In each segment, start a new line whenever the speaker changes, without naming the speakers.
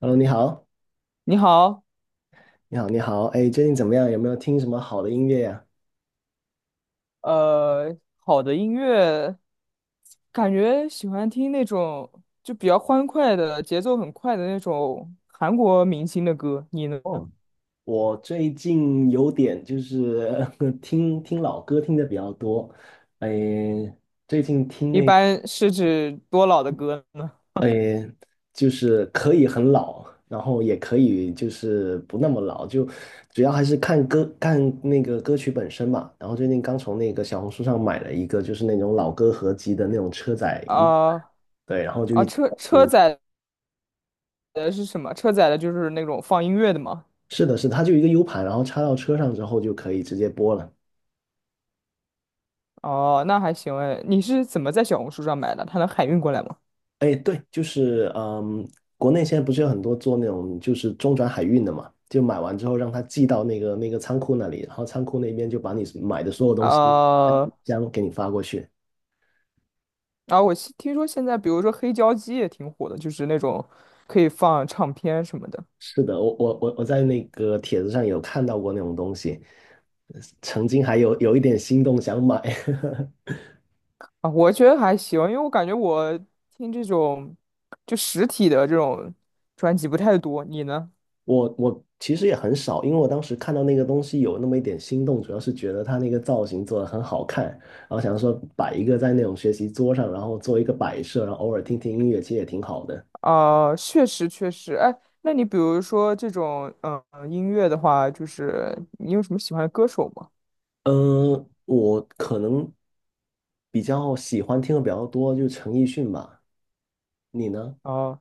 Hello，你好，
你好。
你好，你好，哎，最近怎么样？有没有听什么好的音乐呀？
好的音乐，感觉喜欢听那种就比较欢快的，节奏很快的那种韩国明星的歌。你呢？
哦，我最近有点就是 听听老歌听的比较多。哎，最近听
一
那个，
般是指多老的歌呢？
哎，就是可以很老，然后也可以就是不那么老，就主要还是看歌看那个歌曲本身嘛。然后最近刚从那个小红书上买了一个就是那种老歌合集的那种车载音。
啊
对，然后就
啊，
一直
车
在
车
听。
载的是什么？车载的就是那种放音乐的吗？
是的，是的，它就一个 U 盘，然后插到车上之后就可以直接播了。
哦，那还行哎。你是怎么在小红书上买的？它能海运过来吗？
哎，对，就是国内现在不是有很多做那种就是中转海运的嘛，就买完之后让他寄到那个仓库那里，然后仓库那边就把你买的所有东西按
呃，
箱给你发过去。
啊，我现听说现在比如说黑胶机也挺火的，就是那种可以放唱片什么的。
是的，我在那个帖子上有看到过那种东西，曾经还有一点心动想买。
啊，我觉得还行，因为我感觉我听这种就实体的这种专辑不太多。你呢？
我其实也很少，因为我当时看到那个东西有那么一点心动，主要是觉得他那个造型做的很好看，然后想说摆一个在那种学习桌上，然后做一个摆设，然后偶尔听听音乐，其实也挺好的。
啊、确实确实。哎，那你比如说这种音乐的话，就是你有什么喜欢的歌手吗？
嗯，我可能比较喜欢听的比较多，就是陈奕迅吧。你呢？
啊、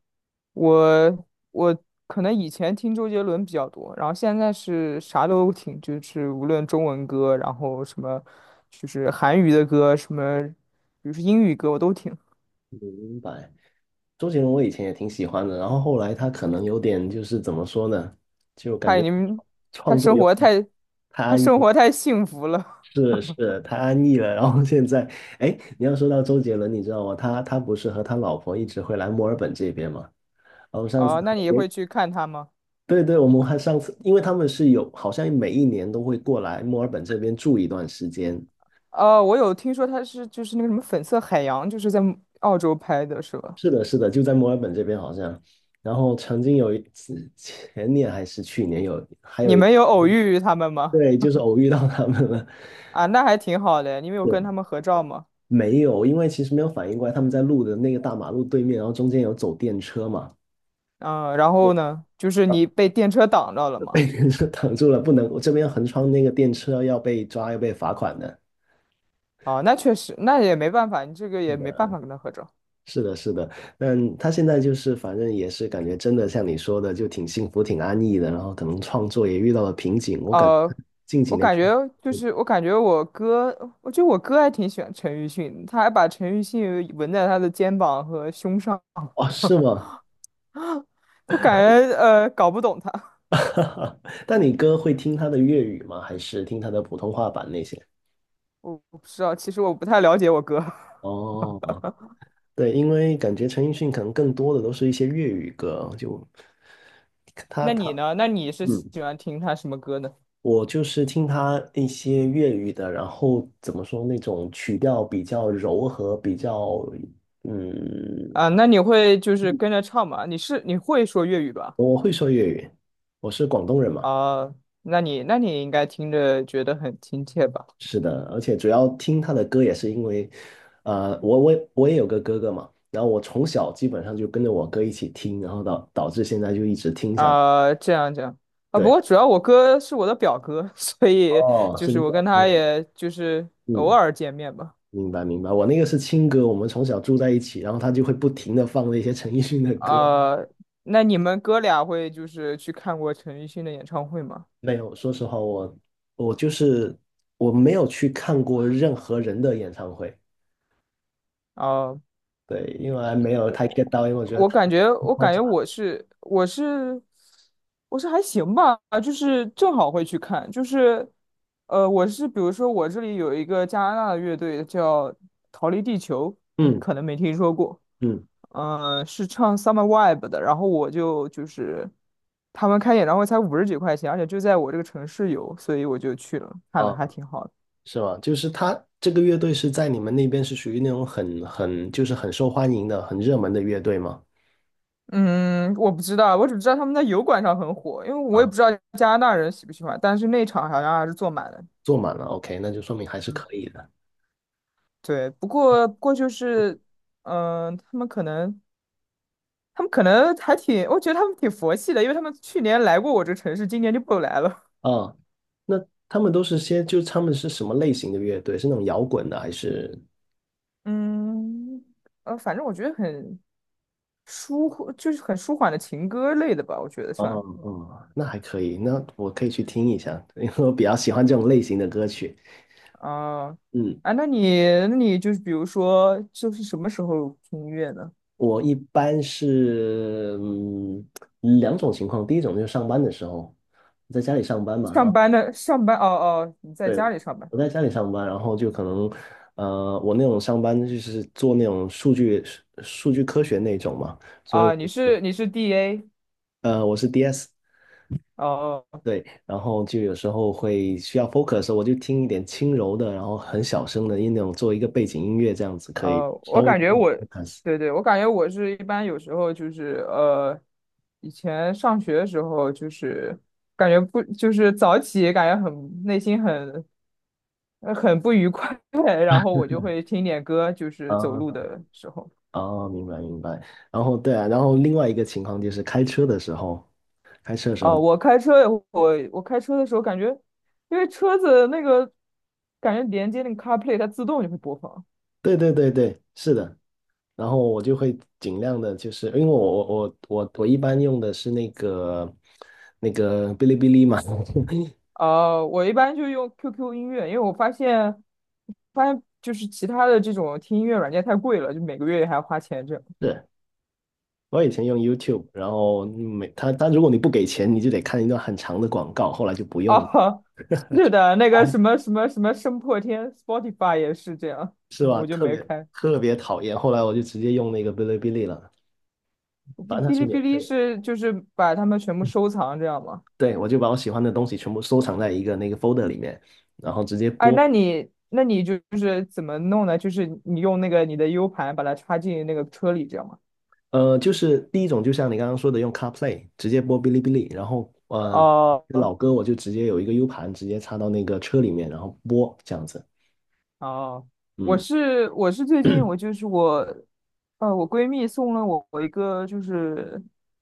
我我可能以前听周杰伦比较多，然后现在是啥都听，就是无论中文歌，然后什么就是韩语的歌，什么比如说英语歌，我都听。
明白。周杰伦我以前也挺喜欢的，然后后来他可能有点就是怎么说呢，就感
嗨，
觉
你们，
创
他
作
生
有
活
点
太，
太
他
安逸。
生活太幸福了。
是是，太安逸了。然后现在，哎，你要说到周杰伦，你知道吗？他不是和他老婆一直会来墨尔本这边吗？然后上次
哦，那
还
你
也
会去看他吗？
对对，我们还上次，因为他们是有，好像每一年都会过来墨尔本这边住一段时间。
哦，我有听说他是就是那个什么《粉色海洋》，就是在澳洲拍的，是吧？
是的，是的，就在墨尔本这边好像。然后曾经有一次，前年还是去年有，
你们有偶遇他们吗？
对，就是偶遇到他们了。
啊，那还挺好的。你们有跟
是
他们合照吗？
没有，因为其实没有反应过来，他们在路的那个大马路对面，然后中间有走电车嘛。
嗯，然后呢，就是你被电车挡着了 吗？
被人就挡住了，不能，我这边横穿那个电车要被抓，要被罚款的。
哦，那确实，那也没办法，你这个也没办法跟他合照。
是的，是的，但他现在就是反正也是感觉真的像你说的，就挺幸福、挺安逸的。然后可能创作也遇到了瓶颈，我感觉
呃，
近几
我
年
感
创。
觉我感觉我哥，我觉得我哥还挺喜欢陈奕迅的，他还把陈奕迅纹在他的肩膀和胸上，
哦，是吗？
我感觉呃搞不懂他。
但你哥会听他的粤语吗？还是听他的普通话版那些？
我不知道，其实我不太了解我哥。
哦，对，因为感觉陈奕迅可能更多的都是一些粤语歌，就他
那
他
你呢？那你是
嗯。
喜欢听他什么歌呢？
我就是听他一些粤语的，然后怎么说那种曲调比较柔和，比较嗯，
啊，那你会就是跟着唱吗？你是你会说粤语吧？
我是广东人嘛。
啊，那你应该听着觉得很亲切吧？
是的，而且主要听他的歌也是因为，我也有个哥哥嘛，然后我从小基本上就跟着我哥一起听，然后导致现在就一直听下去。
啊、这样这样。啊，不
对，
过主要我哥是我的表哥，所以
哦，
就
是你
是我
表
跟
哥。
他也就是偶
嗯，
尔见面吧。
明白明白，我那个是亲哥，我们从小住在一起，然后他就会不停的放那些陈奕迅的歌。
啊，那你们哥俩会就是去看过陈奕迅的演唱会吗？
没有，说实话，我我没有去看过任何人的演唱会。
啊、
对，因为还没有太 get 到，因为我觉得
我
太
感觉，我
嘈
感
杂。
觉我是我是我是还行吧，就是正好会去看，就是我是比如说我这里有一个加拿大的乐队叫《逃离地球》，你
嗯
可能没听说过，
嗯。
是唱《Summer Vibe》的，然后我就是他们开演唱会才50几块钱，而且就在我这个城市有，所以我就去了，看了
啊，
还挺好的。
是吗？就是他这个乐队是在你们那边是属于那种很就是很受欢迎的、很热门的乐队吗？
嗯，我不知道，我只知道他们在油管上很火，因为我也不
啊，
知道加拿大人喜不喜欢，但是那场好像还是坐满了。
坐满了，OK，那就说明还是
嗯，
可以的。
对，不过就是，嗯、他们可能他们可能还挺，我觉得他们挺佛系的，因为他们去年来过我这城市，今年就不来了。
啊，那他们都是些，就他们是什么类型的乐队？是那种摇滚的还是？
嗯，反正我觉得很舒，就是很舒缓的情歌类的吧，我觉得
哦
算。
哦，那还可以，那我可以去听一下，因为我比较喜欢这种类型的歌曲。
啊、
嗯，
啊，那你就是比如说，就是什么时候听音乐呢？
我一般是两种情况。第一种就是上班的时候，在家里上班嘛，然
上
后
班的上班哦哦，你在
对，
家里上班？
我在家里上班，然后就可能我那种上班就是做那种数据科学那种嘛，所以我
啊？你
是
是你是 DA？
我是 DS。
哦哦。
对，然后就有时候会需要 focus 的时候我就听一点轻柔的，然后很小声的那种，做一个背景音乐，这样子可以
呃
稍
我
微
感觉
帮我
我
focus。
对对，我感觉我是一般有时候就是以前上学的时候就是感觉不就是早起，感觉很内心很很不愉快，然后我就会听点歌，就是
啊
走路的时候。
啊，明白明白。然后对啊，然后另外一个情况就是开车的时候，开车的时候，
哦，我开车的时候感觉，因为车子那个感觉连接那个 CarPlay，它自动就会播放。
对对对对，是的。然后我就会尽量的，就是因为我我一般用的是那个哔哩哔哩嘛，
呃，我一般就用 QQ 音乐，因为我发现，发现就是其他的这种听音乐软件太贵了，就每个月还要花钱这样。
是我以前用 YouTube，然后每他如果你不给钱，你就得看一段很长的广告，后来就不用了，
哦，是的，那
反
个
正
什么声破天，Spotify 也是这样，我就没开。
特别讨厌。后来我就直接用那个哔哩哔哩了，反正它
哔
是
哩哔
免
哩
费的。
是就是把它们全部收藏这样吗？
对，我就把我喜欢的东西全部收藏在一个那个 folder 里面，然后直接
哎，
播。
那你就是怎么弄呢？就是你用那个你的 U 盘把它插进那个车里这样吗？
呃，就是第一种，就像你刚刚说的，用 CarPlay 直接播哔哩哔哩，然后
哦
老歌我就直接有一个 U 盘，直接插到那个车里面，然后播这样子。
哦，我
嗯
是我是最近我就是我，呃，我闺蜜送了我一个就是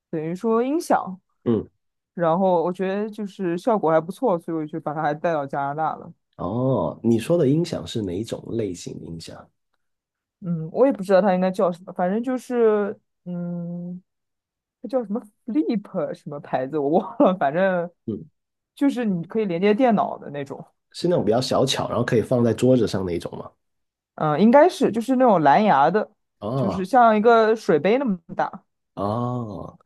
等于说音响，
嗯。
然后我觉得就是效果还不错，所以我就把它还带到加拿大了。
哦，你说的音响是哪一种类型的音响？
嗯，我也不知道它应该叫什么，反正就是嗯，它叫什么 Flip 什么牌子我忘了，反正
嗯。
就是你可以连接电脑的那种。
是那种比较小巧，然后可以放在桌子上那一种吗？
嗯，应该是就是那种蓝牙的，就是
哦
像一个水杯那么大。
哦，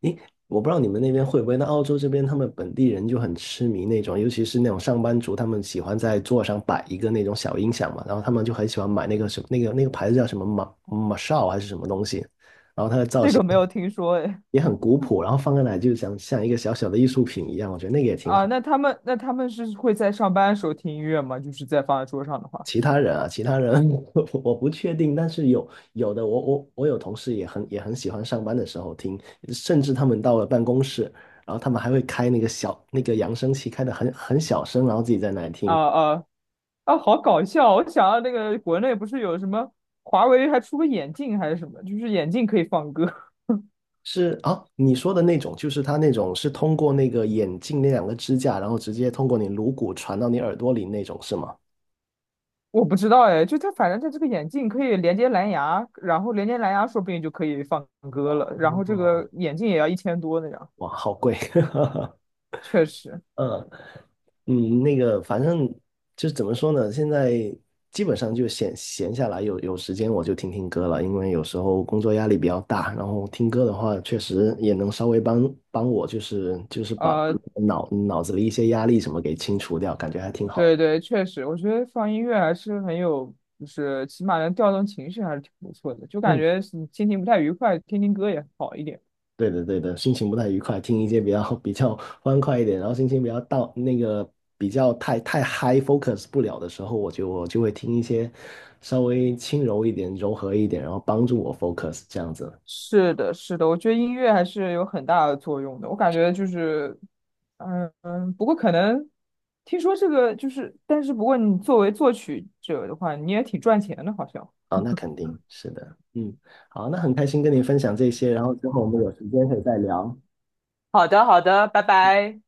诶，我不知道你们那边会不会，那澳洲这边他们本地人就很痴迷那种，尤其是那种上班族，他们喜欢在桌上摆一个那种小音响嘛，然后他们就很喜欢买那个什么那个牌子叫什么马马少还是什么东西，然后它的造
这
型
个没有听说诶。
也很古朴，然后放在那里就像一个小小的艺术品一样，我觉得那个也挺好。
啊，那他们是会在上班的时候听音乐吗？就是在放在桌上的话，
其他人啊，其他人 我不确定，但是有的我有同事也很喜欢上班的时候听，甚至他们到了办公室，然后他们还会开那个小那个扬声器，开的很小声，然后自己在那里
啊
听。
啊啊，好搞笑！我想到那个国内不是有什么华为还出个眼镜还是什么，就是眼镜可以放歌。
是啊，你说的那种，就是他那种是通过那个眼镜那两个支架，然后直接通过你颅骨传到你耳朵里那种，是吗？
我不知道哎，就它反正它这个眼镜可以连接蓝牙，然后连接蓝牙说不定就可以放歌了，然后这
哦，
个眼镜也要1000多那样，
哇，好贵。
确实。
嗯，嗯，那个反正就是怎么说呢，现在基本上就闲下来有时间我就听听歌了，因为有时候工作压力比较大，然后听歌的话确实也能稍微帮帮我，就是把把
呃，
脑子里一些压力什么给清除掉，感觉还挺好。
对对，确实，我觉得放音乐还是很有，就是起码能调动情绪，还是挺不错的。就感
嗯。
觉是你心情不太愉快，听听歌也好一点。
对的，对的，心情不太愉快，听一些比较 比较欢快一点，然后心情比较到那个比较太太 high focus 不了的时候，我就会听一些稍微轻柔一点、柔和一点，然后帮助我 focus 这样子。
是的，是的，我觉得音乐还是有很大的作用的。我感觉就是，嗯嗯，不过可能听说这个就是，但是不过你作为作曲者的话，你也挺赚钱的，好像。
啊，那肯定是的。嗯，好，那很开心跟你分享这些，然后之后我们有时间可以再聊，
好的，好的，拜拜。